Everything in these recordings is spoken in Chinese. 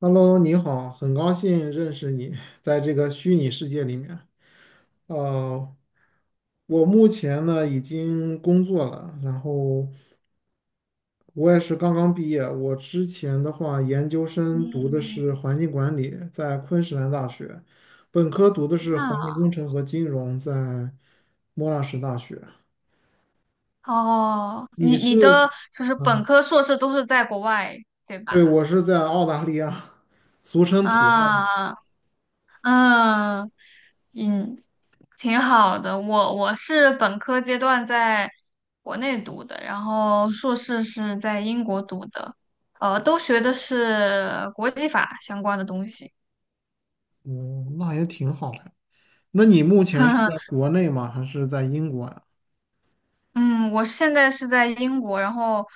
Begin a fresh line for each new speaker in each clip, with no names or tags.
Hello，你好，很高兴认识你，在这个虚拟世界里面。呃，我目前呢已经工作了，然后我也是刚刚毕业。我之前的话，研究生读的
嗯，
是环境管理，在昆士兰大学；本科读的是环境
那
工程和金融，在莫纳什大学。
哦，
你
你
是，
的就是本
嗯，
科、硕士都是在国外，对
对，
吧？
我是在澳大利亚，俗称土澳。
啊，嗯嗯，挺好的。我是本科阶段在国内读的，然后硕士是在英国读的，都学的是国际法相关的东西。
嗯，那也挺好的。那你目前是在 国内吗？还是在英国呀？
嗯，我现在是在英国，然后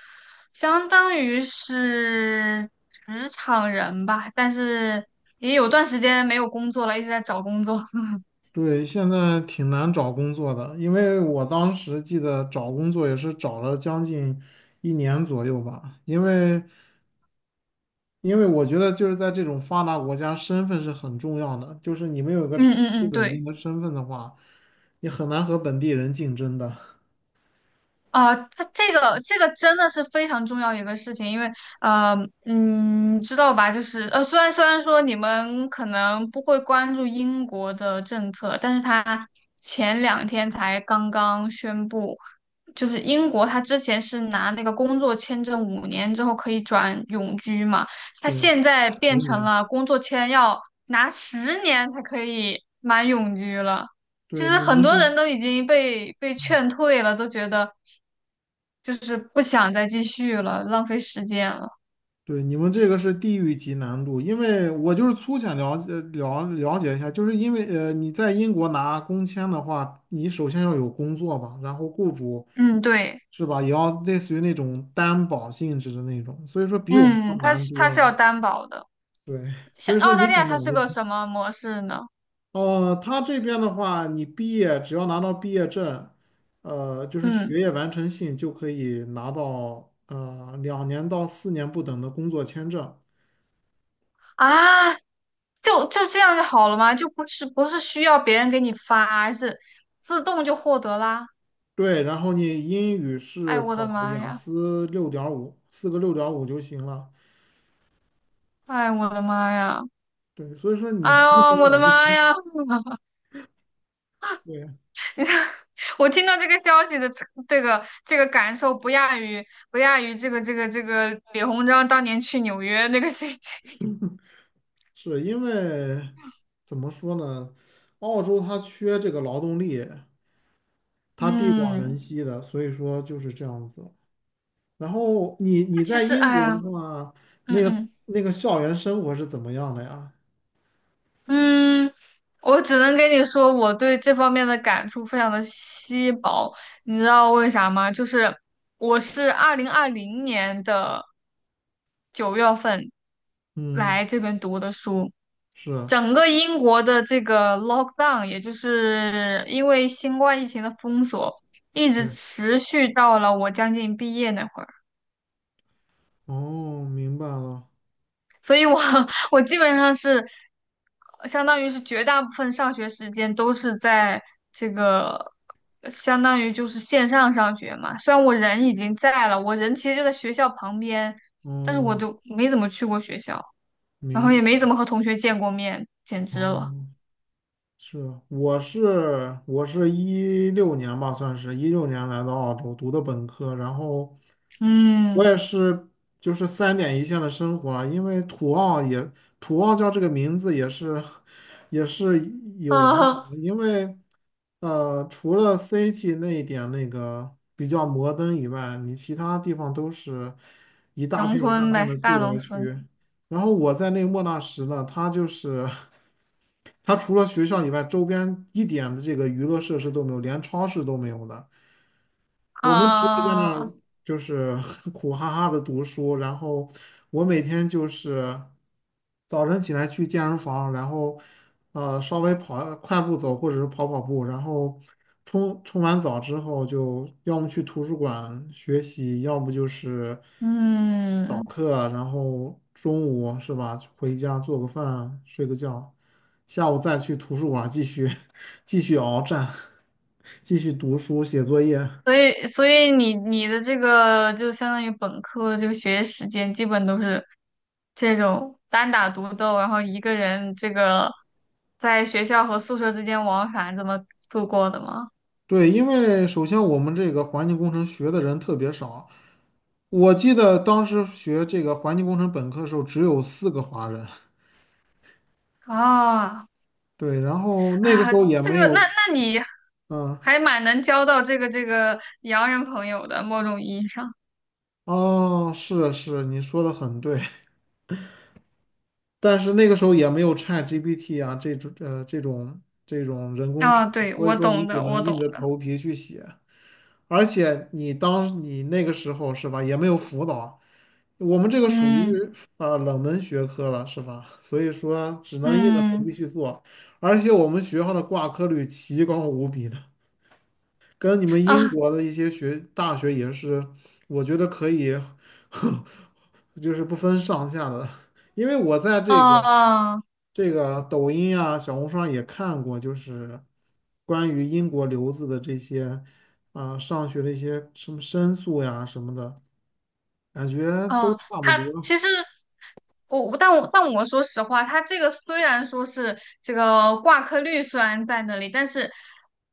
相当于是职场人吧，但是也有段时间没有工作了，一直在找工作。
对，现在挺难找工作的，因为我当时记得找工作也是找了将近一年左右吧，因为我觉得就是在这种发达国家，身份是很重要的，就是你没有一个
嗯
长
嗯
期
嗯，
稳
对
定的身份的话，你很难和本地人竞争的。
啊，它这个真的是非常重要一个事情，因为呃，知道吧？就是虽然说你们可能不会关注英国的政策，但是它前两天才刚刚宣布。就是英国，他之前是拿那个工作签证5年之后可以转永居嘛，他
对，
现在变
十
成
年，
了工作签要拿10年才可以满永居了，就
对，
是
你
很
们
多
是。
人都已经被
嗯，
劝退了，都觉得就是不想再继续了，浪费时间了。
对，你们这个是地狱级难度，因为我就是粗浅了解一下，就是因为你在英国拿工签的话，你首先要有工作吧，然后雇主
嗯，对，
是吧，也要类似于那种担保性质的那种，所以说比我们要
嗯，他
难
是他
多
是要
了。
担保的。
对，
像
所以说
澳
你
大利
怎
亚，它
么
是
问
个
题？
什么模式呢？
他这边的话，你毕业只要拿到毕业证，就是
嗯。
学业完成信就可以拿到2年到4年不等的工作签证。
啊，就这样就好了吗？就不是需要别人给你发，是自动就获得啦。
对，然后你英语
哎，
是
我
考
的妈
雅
呀！
思六点五，四个六点五就行了。
哎，我的妈呀！
对，所以说你
哎呦，
你很
我的
了不
妈
起。
呀！
对，
你这，我听到这个消息的这个感受，不亚于这个李鸿章当年去纽约那个事情。
是因为怎么说呢？澳洲它缺这个劳动力，它地广人
嗯，
稀的，所以说就是这样子。然后你
那
你
其
在
实，
英
哎
国
呀，
的话，
嗯
那个
嗯。
那个校园生活是怎么样的呀？
嗯，我只能跟你说，我对这方面的感触非常的稀薄。你知道为啥吗？就是我是2020年的9月份
嗯，
来这边读的书，
是，
整个英国的这个 lockdown,也就是因为新冠疫情的封锁，一直
对，
持续到了我将近毕业那会儿，
哦，明白了，
所以我 我基本上是。相当于是绝大部分上学时间都是在这个，相当于就是线上上学嘛。虽然我人已经在了，我人其实就在学校旁边，但是我
哦，
就没怎么去过学校，然后
明白，
也没怎么和同学见过面，简直了。
哦。是，我是一六年吧，算是一六年来到澳洲读的本科，然后我
嗯
也是就是三点一线的生活啊。因为土澳叫这个名字也是有来头
啊，
的。因为除了 City 那一点那个比较摩登以外，你其他地方都是一 大
农
片一大
村
片
呗，
的
大
住
农
宅区。
村
然后我在那莫纳什呢，它就是。它除了学校以外，周边一点的这个娱乐设施都没有，连超市都没有的。我们只有在那
啊，
儿就是 苦哈哈的读书，然后我每天就是早晨起来去健身房，然后稍微跑快步走或者是跑跑步，然后冲完澡之后就要么去图书馆学习，要不就是早
嗯。
课啊。然后中午是吧，回家做个饭，睡个觉，下午再去图书馆继续 继续鏖战，继续读书写作业。
所以,你的这个就相当于本科这个学业时间，基本都是这种单打独斗，然后一个人这个在学校和宿舍之间往返这么度过的吗？
对，因为首先我们这个环境工程学的人特别少，我记得当时学这个环境工程本科的时候只有四个华人。
哦，
对，然后那个
啊，
时候也
这
没
个，那
有，
你
嗯，
还蛮能交到这个洋人朋友的，某种意义上。
哦，是是，你说的很对。但是那个时候也没有 ChatGPT 啊这种这种人工智
啊，
能，
对，
所以
我
说你
懂
只
的，我
能
懂
硬着
的。
头皮去写，而且你当你那个时候是吧，也没有辅导。我们这个属于
嗯
冷门学科了是吧？所以说只能硬着头皮
嗯
去做，而且我们学校的挂科率奇高无比的，跟你们英
啊
国的一些大学也是，我觉得可以，就是不分上下的。因为我在
哦
这个
哦。哦
这个抖音啊、小红书上也看过，就是关于英国留子的这些啊、上学的一些什么申诉呀什么的，感觉都
嗯，
差不
他
多。
其实我，但我说实话，他这个虽然说是这个挂科率虽然在那里，但是，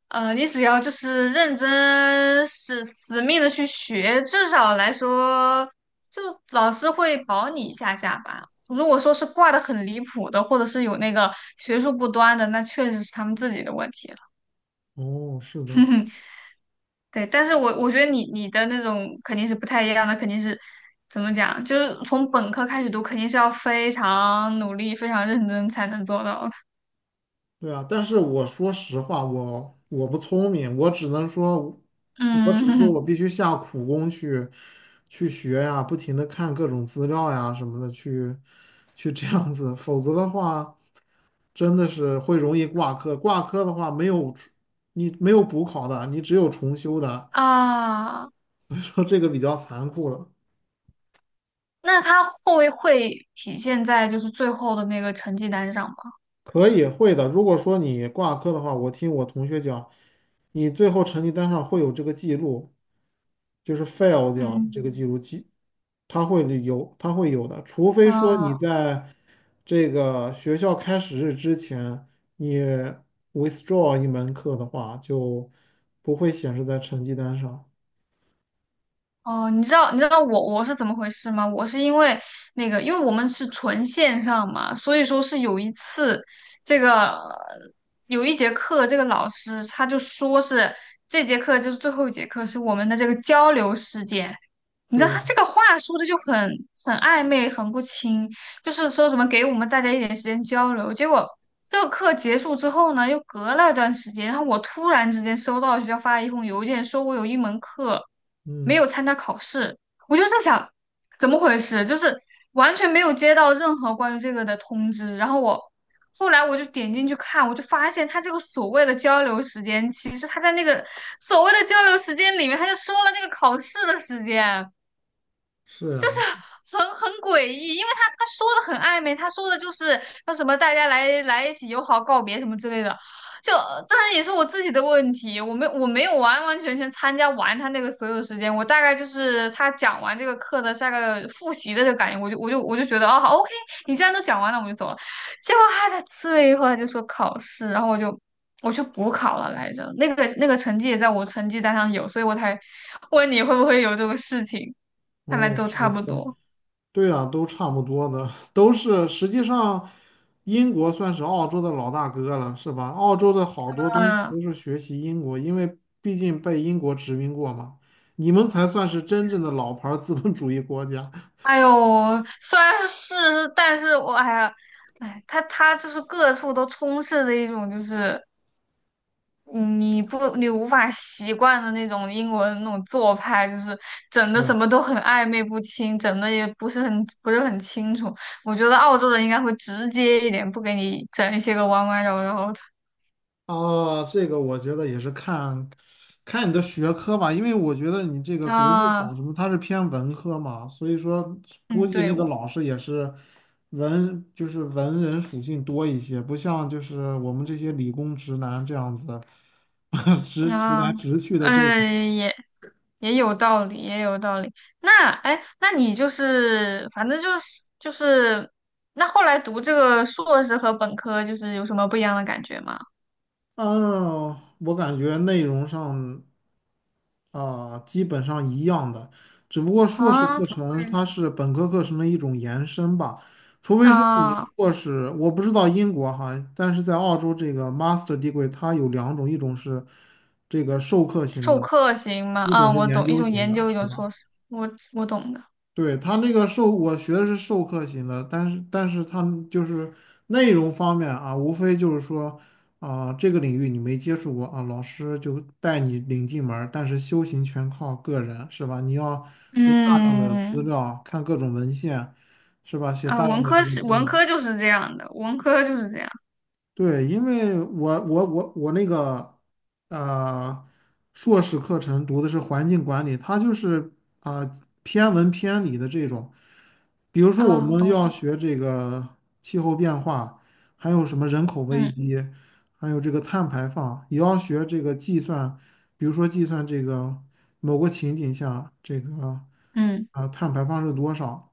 你只要就是认真是死命的去学，至少来说，就老师会保你一下下吧。如果说是挂的很离谱的，或者是有那个学术不端的，那确实是他们自己的问题。
哦，是的。
对，但是我觉得你的那种肯定是不太一样的，肯定是怎么讲，就是从本科开始读，肯定是要非常努力、非常认真才能做到的。
对啊，但是我说实话，我不聪明，我只能说，我只能说
嗯
我必须下苦功去学呀，不停的看各种资料呀什么的，去这样子，否则的话，真的是会容易挂科。挂科的话，没有重你没有补考的，你只有重修的。
啊，
说这个比较残酷了。
那他会不会体现在就是最后的那个成绩单上吗？
可以会的，如果说你挂科的话，我听我同学讲，你最后成绩单上会有这个记录。就是 fail 掉这个记录
嗯
记，它会有的，除非说你
啊。
在这个学校开始日之前，你 withdraw 一门课的话，就不会显示在成绩单上。
哦，你知道我是怎么回事吗？我是因为那个，因为我们是纯线上嘛，所以说是有一次，这个有一节课，这个老师他就说是这节课就是最后一节课，是我们的这个交流时间。你知道他
对，
这个话说的就很暧昧，很不清，就是说什么给我们大家一点时间交流，结果。这个课结束之后呢，又隔了一段时间，然后我突然之间收到学校发了一封邮件，说我有一门课没
嗯，
有参加考试，我就在想怎么回事，就是完全没有接到任何关于这个的通知。然后我后来我就点进去看，我就发现他这个所谓的交流时间，其实他在那个所谓的交流时间里面，他就说了那个考试的时间。
是啊，
很诡异，因为他说的很暧昧，他说的就是说什么大家来一起友好告别什么之类的，就当然也是我自己的问题，我没有完完全全参加完他那个所有时间，我大概就是他讲完这个课的下个复习的这个感觉，我就觉得啊哦好 OK,你既然都讲完了，我就走了。结果他在最后他就说考试，然后我去补考了来着，那个成绩也在我成绩单上有，所以我才问你会不会有这个事情，看来
哦，
都
是的。
差不多。
对啊，都差不多的，都是实际上，英国算是澳洲的老大哥了，是吧？澳洲的好多东西
嗯，
都是学习英国，因为毕竟被英国殖民过嘛。你们才算是真正的老牌儿资本主义国家。
哎呦，虽然是，但是我哎呀，哎，它就是各处都充斥着一种就是你无法习惯的那种英文那种做派，就是整的什
是。
么都很暧昧不清，整的也不是很清楚。我觉得澳洲人应该会直接一点，不给你整一些个弯弯绕绕的。
哦，这个我觉得也是看你的学科吧。因为我觉得你这个国际法
啊，
什么，它是偏文科嘛，所以说估
嗯，
计
对，
那个
我
老师也是就是文人属性多一些，不像就是我们这些理工直男这样子。直直
啊，
来直去的这
哎
种。
也。也有道理，也有道理。那哎，那你就是反正就是，那后来读这个硕士和本科就是有什么不一样的感觉吗？
嗯，我感觉内容上。啊，基本上一样的，只不过硕士
啊，
课程它是本科课程的一种延伸吧。除非说你
啊，
硕士，我不知道英国哈，但是在澳洲这个 master degree 它有两种，一种是这个授课型
授
的，
课型吗？
一
啊，
种是
我
研
懂，一
究
种
型
研
的，
究，一
是
种
吧？
硕士，我懂的。
对，他那个我学的是授课型的，但是他就是内容方面啊，无非就是说啊、这个领域你没接触过啊，老师就带你领进门儿但是修行全靠个人，是吧？你要读大量的资
嗯，
料，看各种文献，是吧？写
啊，
大
文
量的这
科
个
是
论
文
文。
科就是这样的，文科就是这样
对，因为我那个呃硕士课程读的是环境管理，它就是啊、偏文偏理的这种。比如说我
啊，
们
懂
要
了。
学这个气候变化，还有什么人口危
嗯
机，还有这个碳排放，也要学这个计算，比如说计算这个某个情景下这个
嗯，
啊、碳排放是多少。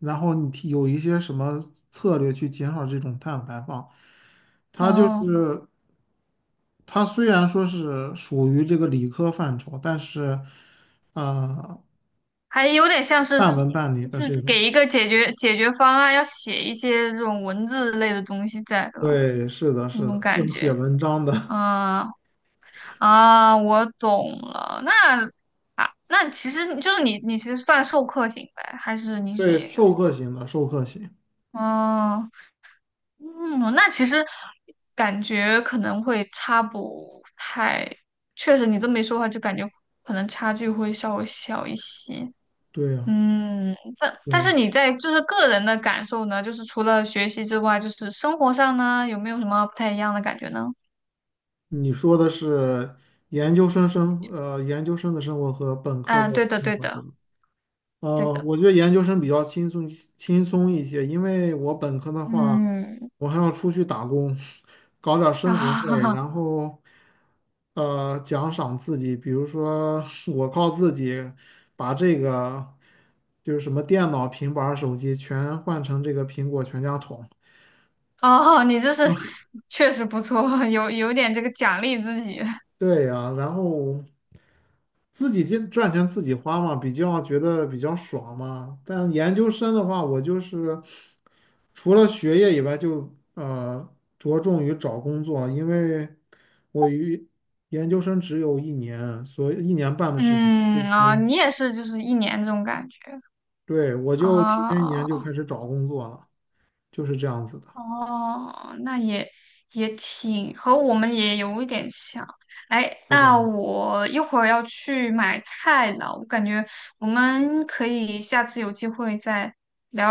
然后你提有一些什么策略去减少这种碳排放？它就
哦。
是它虽然说是属于这个理科范畴，但是呃，
还有点像是
半文
写，
半理的
就是
这种。
给一个解决方案，要写一些这种文字类的东西在吧，
对，是的，
那
是的，
种感
要写
觉。
文章的。
嗯啊，我懂了。那啊，那其实你就是你，你其实算授课型呗，还是你是
对，
研究
授
型？
课型的，授课型。
哦，嗯，那其实感觉可能会差不太，确实你这么一说的话，就感觉可能差距会稍微小一些。
对呀，
嗯，但
对
但
呀，
是你在就是个人的感受呢，就是除了学习之外，就是生活上呢，有没有什么不太一样的感觉呢？
你说的是研究生的生活和本科的
嗯，对的，
生
对的，
活。
对的，
我觉得研究生比较轻松一些，因为我本科的话，
嗯，
我还要出去打工，搞点儿生活费，
啊，
然后奖赏自己，比如说 我靠自己把这个就是什么电脑、平板儿手机全换成这个苹果全家桶。
哦，你这是确实不错，有点这个奖励自己，
对呀、然后自己赚钱自己花嘛，比较觉得比较爽嘛。但研究生的话，我就是除了学业以外就，着重于找工作了。因为我于研究生只有一年，所以一年半的时间，所以
嗯啊，
说，
你也是就是一年这种感觉
对，我就提
啊，
前一年
哦
就开始找工作了，就是这样子的，
哦，那也挺和我们也有一点像。哎，
对吧？
那我一会儿要去买菜了，我感觉我们可以下次有机会再